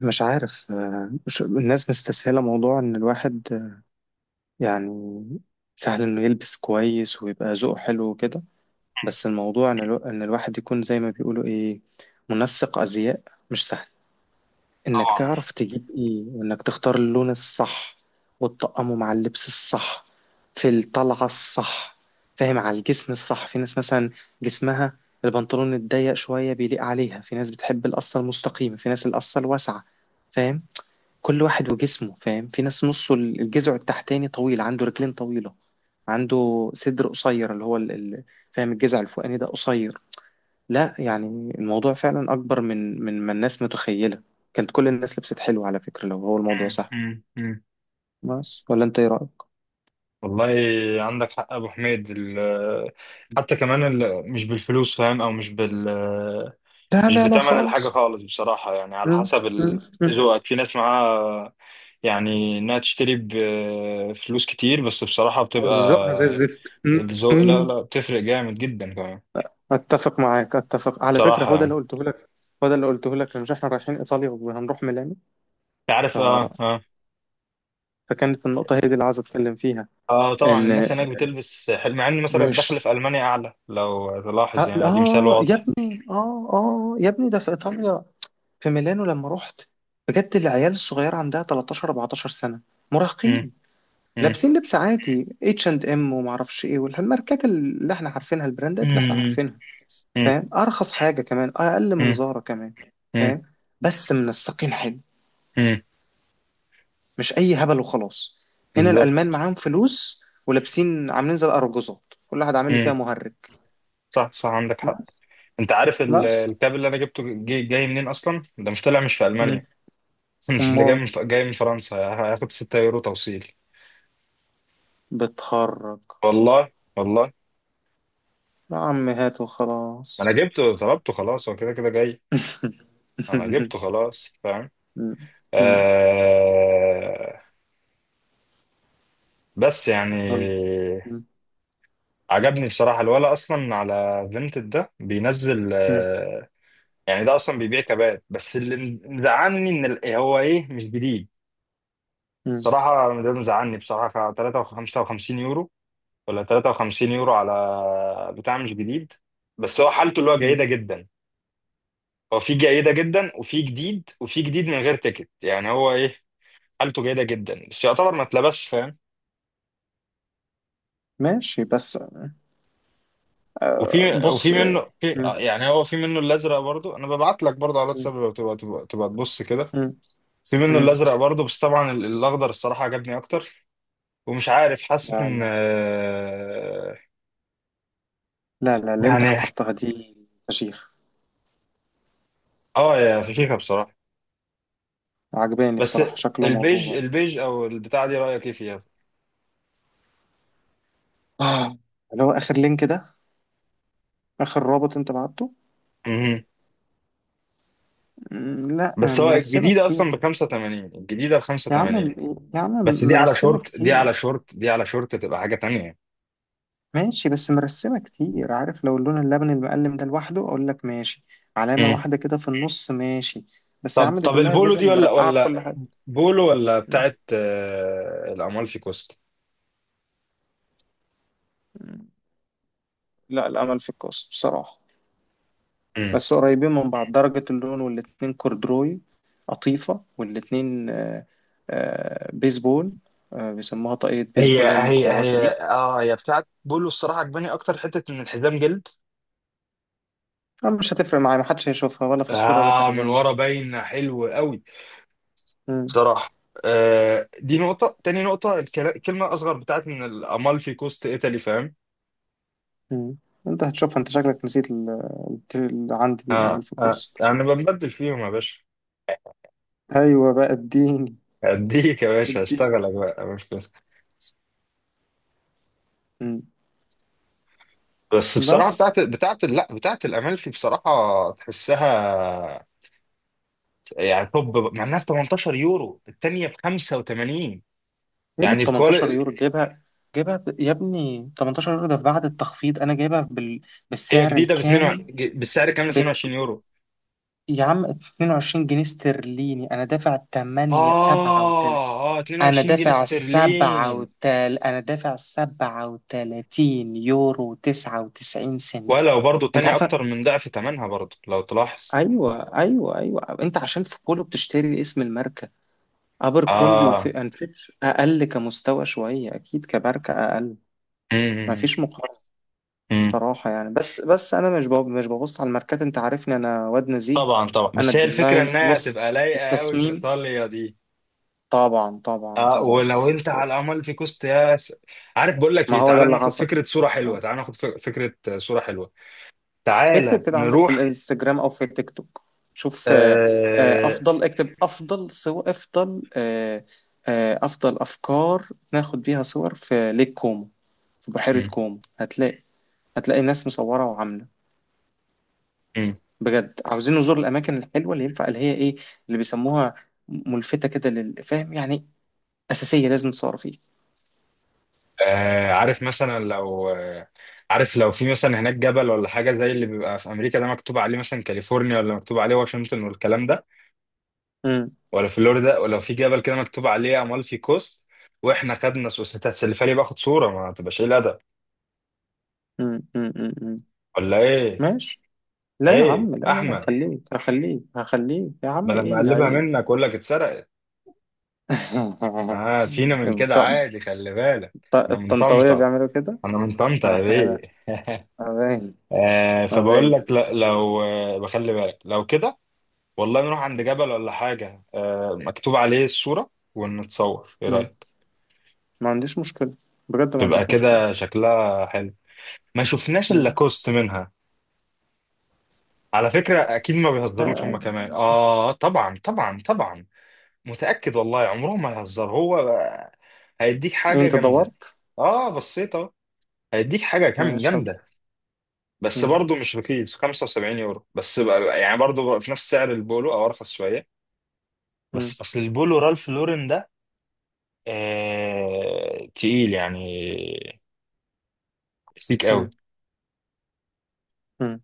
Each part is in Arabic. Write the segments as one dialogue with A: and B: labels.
A: مش عارف الناس مستسهلة موضوع إن الواحد يعني سهل إنه يلبس كويس ويبقى ذوقه حلو وكده. بس الموضوع إن الواحد يكون زي ما بيقولوا إيه، منسق أزياء، مش سهل. إنك
B: طبعا.
A: تعرف تجيب إيه، وإنك تختار اللون الصح وتطقمه مع اللبس الصح في الطلعة الصح، فاهم؟ على الجسم الصح، في ناس مثلا جسمها البنطلون الضيق شوية بيليق عليها، في ناس بتحب القصة المستقيمة، في ناس القصة الواسعة، فاهم؟ كل واحد وجسمه، فاهم؟ في ناس نصه الجذع التحتاني طويل، عنده رجلين طويلة، عنده صدر قصير اللي هو فاهم، الجذع الفوقاني ده قصير. لا يعني الموضوع فعلا أكبر من ما الناس متخيلة. كانت كل الناس لبست حلو على فكرة لو هو الموضوع
B: مم.
A: سهل.
B: مم. مم.
A: بس ولا، أنت إيه رأيك؟
B: والله عندك حق يا ابو حميد حتى كمان مش بالفلوس، فاهم، او مش
A: لا،
B: مش
A: لا، لا
B: بتمن الحاجه
A: خالص.
B: خالص بصراحه. يعني على
A: مم،
B: حسب
A: مم، مم.
B: ذوقك، في ناس معاها يعني انها تشتري بفلوس كتير، بس بصراحه
A: وزقها زي
B: بتبقى
A: الزفت. مم،
B: الذوق. لا،
A: مم.
B: لا، بتفرق جامد جدا كمان.
A: اتفق معاك، اتفق على فكره،
B: بصراحه
A: هو ده اللي
B: يعني
A: قلته لك، هو ده اللي قلته لك. مش احنا رايحين ايطاليا وهنروح ميلانو،
B: أنت عارف. اه، اه.
A: فكانت النقطة هي دي اللي عايز أتكلم فيها.
B: اه، طبعا
A: إن،
B: الناس هناك بتلبس حلو، مع ان مثلا الدخل في
A: مش،
B: المانيا اعلى لو تلاحظ.
A: آه,
B: يعني دي مثال
A: آه يا
B: واضح.
A: ابني، آه يا ابني، ده في إيطاليا، في ميلانو لما رحت بجد، العيال الصغيرة عندها 13 14 سنة،
B: مم.
A: مراهقين. لابسين لبس عادي، H&M، ومعرفش ايه، والماركات اللي احنا عارفينها، البراندات اللي احنا
B: مم.
A: عارفينها،
B: مم.
A: فاهم. ارخص حاجة كمان، اقل من
B: مم.
A: زارا كمان،
B: مم.
A: فاهم. بس منسقين حلو،
B: مم.
A: مش اي هبل وخلاص. هنا الالمان
B: بالظبط.
A: معاهم فلوس ولابسين عاملين زي الارجوزات، كل واحد عامل لي فيها
B: مم.
A: مهرج.
B: صح، صح، عندك حق.
A: بس
B: انت عارف
A: بس
B: الكاب اللي انا جبته، جاي منين اصلا؟ ده مش طالع، مش في
A: مم.
B: المانيا. ده جاي
A: أمال
B: من فرنسا. هياخد 6 يورو توصيل.
A: بتخرج؟
B: والله، والله.
A: يا عم هات
B: ما انا
A: وخلاص.
B: جبته، طلبته خلاص. هو كده كده جاي. انا جبته خلاص، فاهم؟
A: م- م-
B: آه. بس يعني
A: قول. مم.
B: عجبني بصراحة الولا. أصلا على فينتد ده بينزل،
A: مم.
B: يعني ده أصلا بيبيع كبات. بس اللي مزعلني إن هو إيه؟ مش جديد.
A: مم.
B: الصراحة ده مزعلني بصراحة. 53 يورو؟ ولا 53 يورو على بتاع مش جديد؟ بس هو حالته اللي هو
A: مم.
B: جيدة جدا. هو في جيدة جدا، وفي جديد، وفي جديد من غير تيكت. يعني هو ايه؟ حالته جيدة جدا بس يعتبر ما اتلبسش، فاهم؟
A: ماشي. بس
B: وفي
A: بص.
B: منه، في
A: مم.
B: يعني هو في منه الازرق برضو. انا ببعت لك برضو على
A: مم.
B: الواتساب، لو تبقى تبص كده.
A: مم.
B: في منه
A: مم.
B: الازرق برضو، بس طبعا الاخضر الصراحة عجبني اكتر. ومش عارف، حاسس
A: لا،
B: ان
A: لا، لا، لا، اللي انت
B: يعني.
A: اخترتها دي فشيخ.
B: اه، يا فشيخة بصراحة.
A: عجباني
B: بس
A: بصراحة، شكله
B: البيج،
A: موضوع.
B: البيج او البتاعه دي، رايك ايه فيها؟
A: آه. اللي هو آخر لينك ده، آخر رابط انت بعته.
B: مهم.
A: لا،
B: بس هو
A: مرسمة
B: الجديده
A: كتير.
B: اصلا ب 85، الجديده ب
A: يا عم،
B: 85.
A: يا عم،
B: بس دي على
A: مرسمة
B: شورت، دي
A: كتير.
B: على شورت، دي على شورت، تبقى حاجه تانية.
A: ماشي، بس مرسمة كتير. عارف لو اللون اللبن المقلم ده لوحده أقول لك ماشي، علامة
B: مم.
A: واحدة كده في النص ماشي، بس يا
B: طب،
A: عم دي
B: طب
A: كلها
B: البولو
A: جزم
B: دي ولا
A: مرقعة في كل
B: ولا،
A: حاجة.
B: بولو ولا
A: م-
B: بتاعت الامالفي كوست؟
A: م- لا، الأمل في الكوس بصراحة،
B: مم.
A: بس قريبين من بعض درجة اللون، والاتنين كوردروي، قطيفة، والاتنين بيسبول، بيسموها طاقية
B: هي
A: بيسبول، هي
B: هي
A: المقوسة
B: هي
A: دي.
B: اه، هي بتاعت بولو. الصراحه عجباني اكتر، حته ان الحزام جلد.
A: أنا مش هتفرق معايا، محدش هيشوفها، ولا في الصورة ولا في
B: اه، من
A: حزامهم.
B: ورا باين حلو قوي
A: م-
B: بصراحة. آه، دي نقطة تاني. نقطة الكلمة أصغر بتاعت من الأمالفي كوست إيطالي، فاهم؟
A: م. انت هتشوفها، انت شكلك نسيت اللي عندي دي الأمل
B: آه،
A: في
B: آه،
A: الكوس.
B: أنا بنبدل فيهم يا باشا.
A: ايوه بقى، اديني،
B: أديك يا باشا،
A: اديني.
B: أشتغلك بقى مش بس.
A: مم.
B: بس
A: بس
B: بصراحة بتاعت، بتاعت، لا، بتاعت الأمالفي بصراحة تحسها. يعني طب مع إنها ب 18 يورو، التانية ب 85.
A: ايه اللي ب
B: يعني
A: 18
B: الكوالي
A: يورو؟ جايبها، جايبها يا ابني، 18 يورو ده بعد التخفيض، انا جايبها
B: هي
A: بالسعر
B: جديدة ب 2،
A: الكامل.
B: بالسعر كامل
A: بت...
B: 22 يورو.
A: يا عم، 22 جنيه استرليني، انا دافع 8 37،
B: آه، آه،
A: انا
B: 22 جنيه
A: دافع
B: استرليني.
A: 37، انا دافع 37 يورو 99 سنت.
B: ولو برضو
A: انت
B: تاني
A: عارفه.
B: اكتر من ضعف تمنها برضو لو تلاحظ.
A: ايوه، ايوه، ايوه، انت عشان في بولو بتشتري اسم الماركه. أبركرومبي
B: اه.
A: وفي أند فيتش أقل كمستوى شوية، أكيد كماركة أقل.
B: امم.
A: مفيش مقارنة
B: امم.
A: بصراحة يعني. بس أنا مش ببص على الماركات، أنت عارفني، أنا واد نزيه.
B: طبعا، طبعا،
A: أنا
B: بس هي الفكره
A: الديزاين،
B: انها
A: بص،
B: هتبقى لايقه قوي في
A: التصميم.
B: ايطاليا دي.
A: طبعا، طبعا،
B: اه،
A: طبعا.
B: ولو انت على امال في كوست يا عارف، بقول لك
A: ما
B: ايه،
A: هو ده
B: تعالى
A: اللي
B: ناخد
A: حصل.
B: فكره صوره حلوه.
A: آه.
B: تعالى ناخد فكره صوره حلوه. تعالى
A: اكتب كده عندك في
B: نروح.
A: الانستجرام أو في التيك توك، شوف
B: آه.
A: أفضل. اكتب أفضل صور، أفضل أفضل أفكار ناخد بيها صور في ليك كومو، في بحيرة
B: مم.
A: كومو. هتلاقي، هتلاقي ناس مصورة وعاملة،
B: مم.
A: بجد عاوزين نزور الأماكن الحلوة اللي ينفع، اللي هي إيه، اللي بيسموها ملفتة كده، للفهم يعني، أساسية، لازم تصور فيه.
B: آه، عارف مثلا لو عارف لو في مثلا هناك جبل ولا حاجه، زي اللي بيبقى في امريكا، ده مكتوب عليه مثلا كاليفورنيا، ولا مكتوب عليه واشنطن والكلام ده،
A: مم.
B: ولا فلوريدا. ولو في جبل كده مكتوب عليه امالفي كوست، واحنا خدنا سوس، انت هتسلفها لي باخد صوره. ما تبقاش ايه الادب،
A: مم. مم. مم. مم.
B: ولا ايه؟
A: ماشي. لا يا
B: ايه
A: عم، لا، لا، لا،
B: احمد،
A: هخليك، هخليك، هخليك، يا عم،
B: بدل
A: إيه
B: ما
A: اللي
B: اقلبها
A: عيب.
B: منك اقول لك اتسرقت. اه، فينا من كده
A: بتاع-
B: عادي، خلي بالك.
A: بتاع
B: انا من
A: الطنطاوية
B: طنطا.
A: بيعملوا كده.
B: انا من طنطا يا بيه.
A: لا، ما باين،
B: آه،
A: ما
B: فبقول
A: باين.
B: لك لا، لو بخلي بالك لو كده. والله، نروح عند جبل ولا حاجه مكتوب عليه، الصوره ونتصور، ايه
A: مم.
B: رايك؟
A: ما عنديش مشكلة، بجد ما
B: تبقى
A: عنديش مشكلة.
B: كده شكلها حلو. ما شفناش الا
A: مم.
B: كوست منها. على فكرة أكيد ما بيهزروش هما
A: آه،
B: كمان. طبعا، طبعا، طبعا. متأكد والله عمرهم ما يهزر هو. هيديك
A: إيه،
B: حاجة
A: أنت
B: جامدة.
A: دورت؟
B: آه، بصيت أهو. هيديك حاجة
A: ماشي يلا.
B: جامدة. بس
A: مم.
B: برضه مش رخيص. 75 يورو بس بقى، يعني برضه في نفس سعر البولو أو أرخص شوية. بس أصل البولو رالف لورين ده، آه، تقيل يعني. سيك
A: مم.
B: قوي.
A: مم.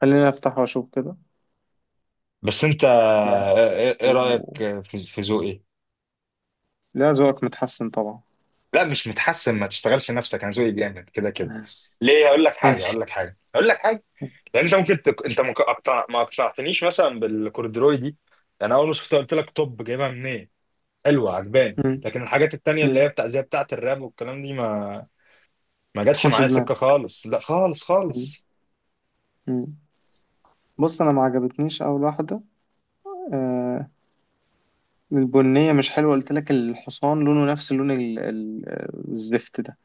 A: خليني افتح واشوف كده.
B: بس أنت
A: لا،
B: إيه
A: و...
B: رأيك في ذوقي؟
A: لا، ذوقك متحسن طبعا.
B: لا مش متحسن، ما تشتغلش نفسك، انا ذوقي جامد كده كده.
A: ماشي.
B: ليه؟ هقول لك حاجه،
A: ماشي.
B: هقول لك حاجه، هقول لك حاجه. لان انت ممكن انت ما اقتنعتنيش مثلا بالكوردروي دي. يعني انا اول ما شفتها قلت لك، طب جايبها منين؟ حلوه عجباني،
A: مم.
B: لكن الحاجات التانيه اللي هي
A: مم.
B: بتاع زي بتاعه الراب والكلام دي، ما، ما جاتش
A: تدخلش
B: معايا
A: دماغي.
B: سكه خالص. لا، خالص
A: مم.
B: خالص.
A: مم. بص، انا ما عجبتنيش اول واحده. آه. البنيه مش حلوه، قلت لك، الحصان لونه نفس لون الزفت ده،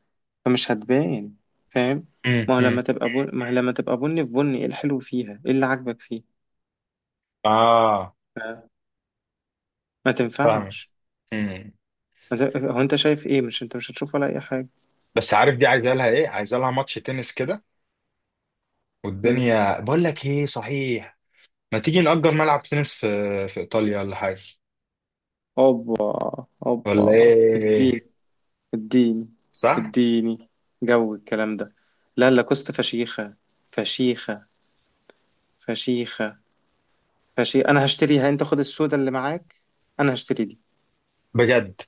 A: فمش هتبان، فاهم.
B: امم.
A: ما هو
B: أمم.
A: لما تبقى بن... ما هو لما تبقى بني في بني، ايه الحلو فيها، ايه اللي عاجبك فيه.
B: اه،
A: آه. ما
B: فاهمك.
A: تنفعش.
B: امم.
A: ما ت... هو انت شايف ايه، مش انت مش هتشوف ولا اي حاجه.
B: بس عارف دي عايزه لها ايه؟ عايزه لها ماتش تنس كده.
A: مم.
B: والدنيا، بقول لك ايه صحيح، ما تيجي نأجر ملعب تنس في ايطاليا ولا حاجه،
A: اوبا،
B: ولا
A: اوبا، اديني،
B: ايه؟
A: اديني،
B: صح.
A: اديني، جو الكلام ده. لا، لاكوست فشيخة، فشيخة، فشيخة، فشيخة، انا هشتريها. انت خد السودا اللي معاك، انا هشتري دي.
B: بجد.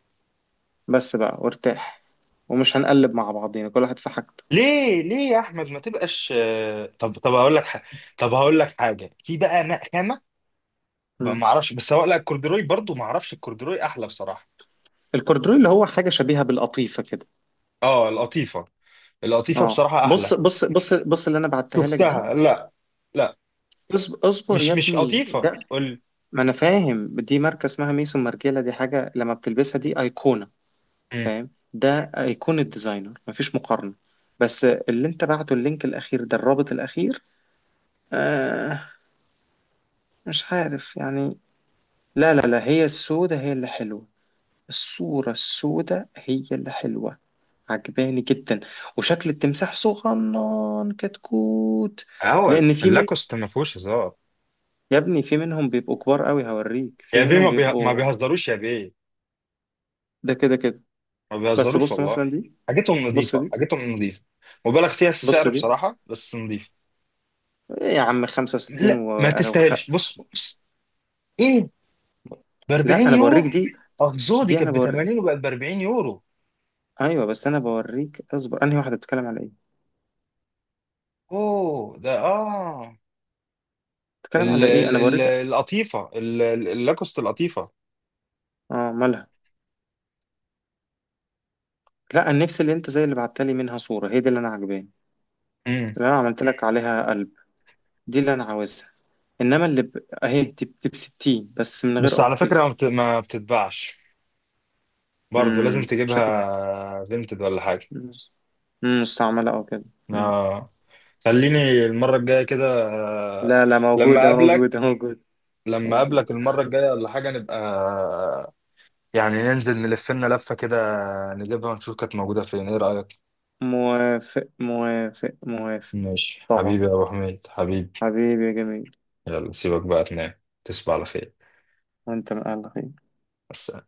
A: بس بقى وارتاح، ومش هنقلب مع بعضينا، كل واحد في حاجته.
B: ليه، ليه يا احمد، ما تبقاش طب، طب هقول لك طب هقول لك حاجه. في بقى خامه بقى
A: مم.
B: ما اعرفش. بس هو لا، الكوردروي برضو ما اعرفش، الكوردروي احلى بصراحه.
A: الكوردروي اللي هو حاجة شبيهة بالقطيفة كده.
B: اه، القطيفه. القطيفه
A: اه،
B: بصراحه احلى.
A: بص، بص، بص، بص، اللي انا بعتها لك دي.
B: شفتها؟ لا. لا،
A: اصبر، اصبر
B: مش
A: يا
B: مش
A: ابني،
B: قطيفه
A: ده
B: قول لي.
A: ما انا فاهم، دي ماركة اسمها ميسون مارجيلا، دي حاجة لما بتلبسها دي ايقونة،
B: مم.
A: فاهم. ده هيكون الديزاينر، مفيش مقارنة. بس اللي انت بعته، اللينك الاخير ده، الرابط الاخير، آه، مش عارف يعني. لا، لا، لا، هي السودة هي اللي حلوة، الصورة السودة هي اللي حلوة. عجباني جدا، وشكل التمساح صغنن كتكوت.
B: اهو
A: لان في من
B: اللاكوست ما فيهوش هزار.
A: يا ابني في منهم بيبقوا كبار قوي هوريك، في
B: يا بيه
A: منهم
B: ما
A: بيبقوا
B: بيهزروش يا بيه.
A: ده كده كده.
B: ما
A: بس
B: بيهزروش
A: بص
B: والله.
A: مثلا دي،
B: حاجتهم
A: بص
B: نظيفه،
A: دي،
B: حاجتهم نظيفه، مبالغ فيها في
A: بص
B: السعر
A: دي،
B: بصراحه، بس نظيفه.
A: إيه يا عم، 65
B: لا، ما
A: أنا
B: تستاهلش. بص، بص. ايه؟ ب
A: لا،
B: 40
A: انا بوريك
B: يورو.
A: دي،
B: اه، دي
A: دي انا
B: كانت ب
A: بوري.
B: 80 وبقت ب 40 يورو.
A: ايوه بس انا بوريك، اصبر، انهي واحده بتتكلم على ايه،
B: اوه، ده اه.
A: بتتكلم
B: ال
A: على ايه،
B: ال
A: انا
B: ال
A: بوريك.
B: القطيفه، اللاكوست القطيفه.
A: اه، مالها؟ لا، انا نفسي اللي انت زي اللي بعتلي منها صوره، هي دي اللي انا عجباني،
B: امم.
A: اللي انا عملت لك عليها قلب، دي اللي انا عاوزها. انما اهي دي ب، دي بستين بس من
B: بس
A: غير
B: على فكره
A: قطيف.
B: ما بتتباعش. برضه لازم
A: شكلها،
B: تجيبها فينتد ولا حاجه.
A: امم مستعمله او كده. مم.
B: اه، خليني المره الجايه كده آه،
A: لا، لا،
B: لما
A: موجوده، موجوده،
B: اقابلك.
A: موجوده،
B: لما اقابلك
A: موجوده.
B: المره الجايه ولا حاجه نبقى، يعني ننزل نلف لنا لفه كده، نجيبها ونشوف كانت موجوده فين. ايه رايك؟
A: موافق، موافق، موافق.
B: ماشي
A: طبعا.
B: حبيبي يا أبو حميد، حبيبي.
A: حبيبي يا جميل.
B: يلا سيبك بقى تنام، تصبح على خير.
A: وانت من اهل الخير.
B: بس.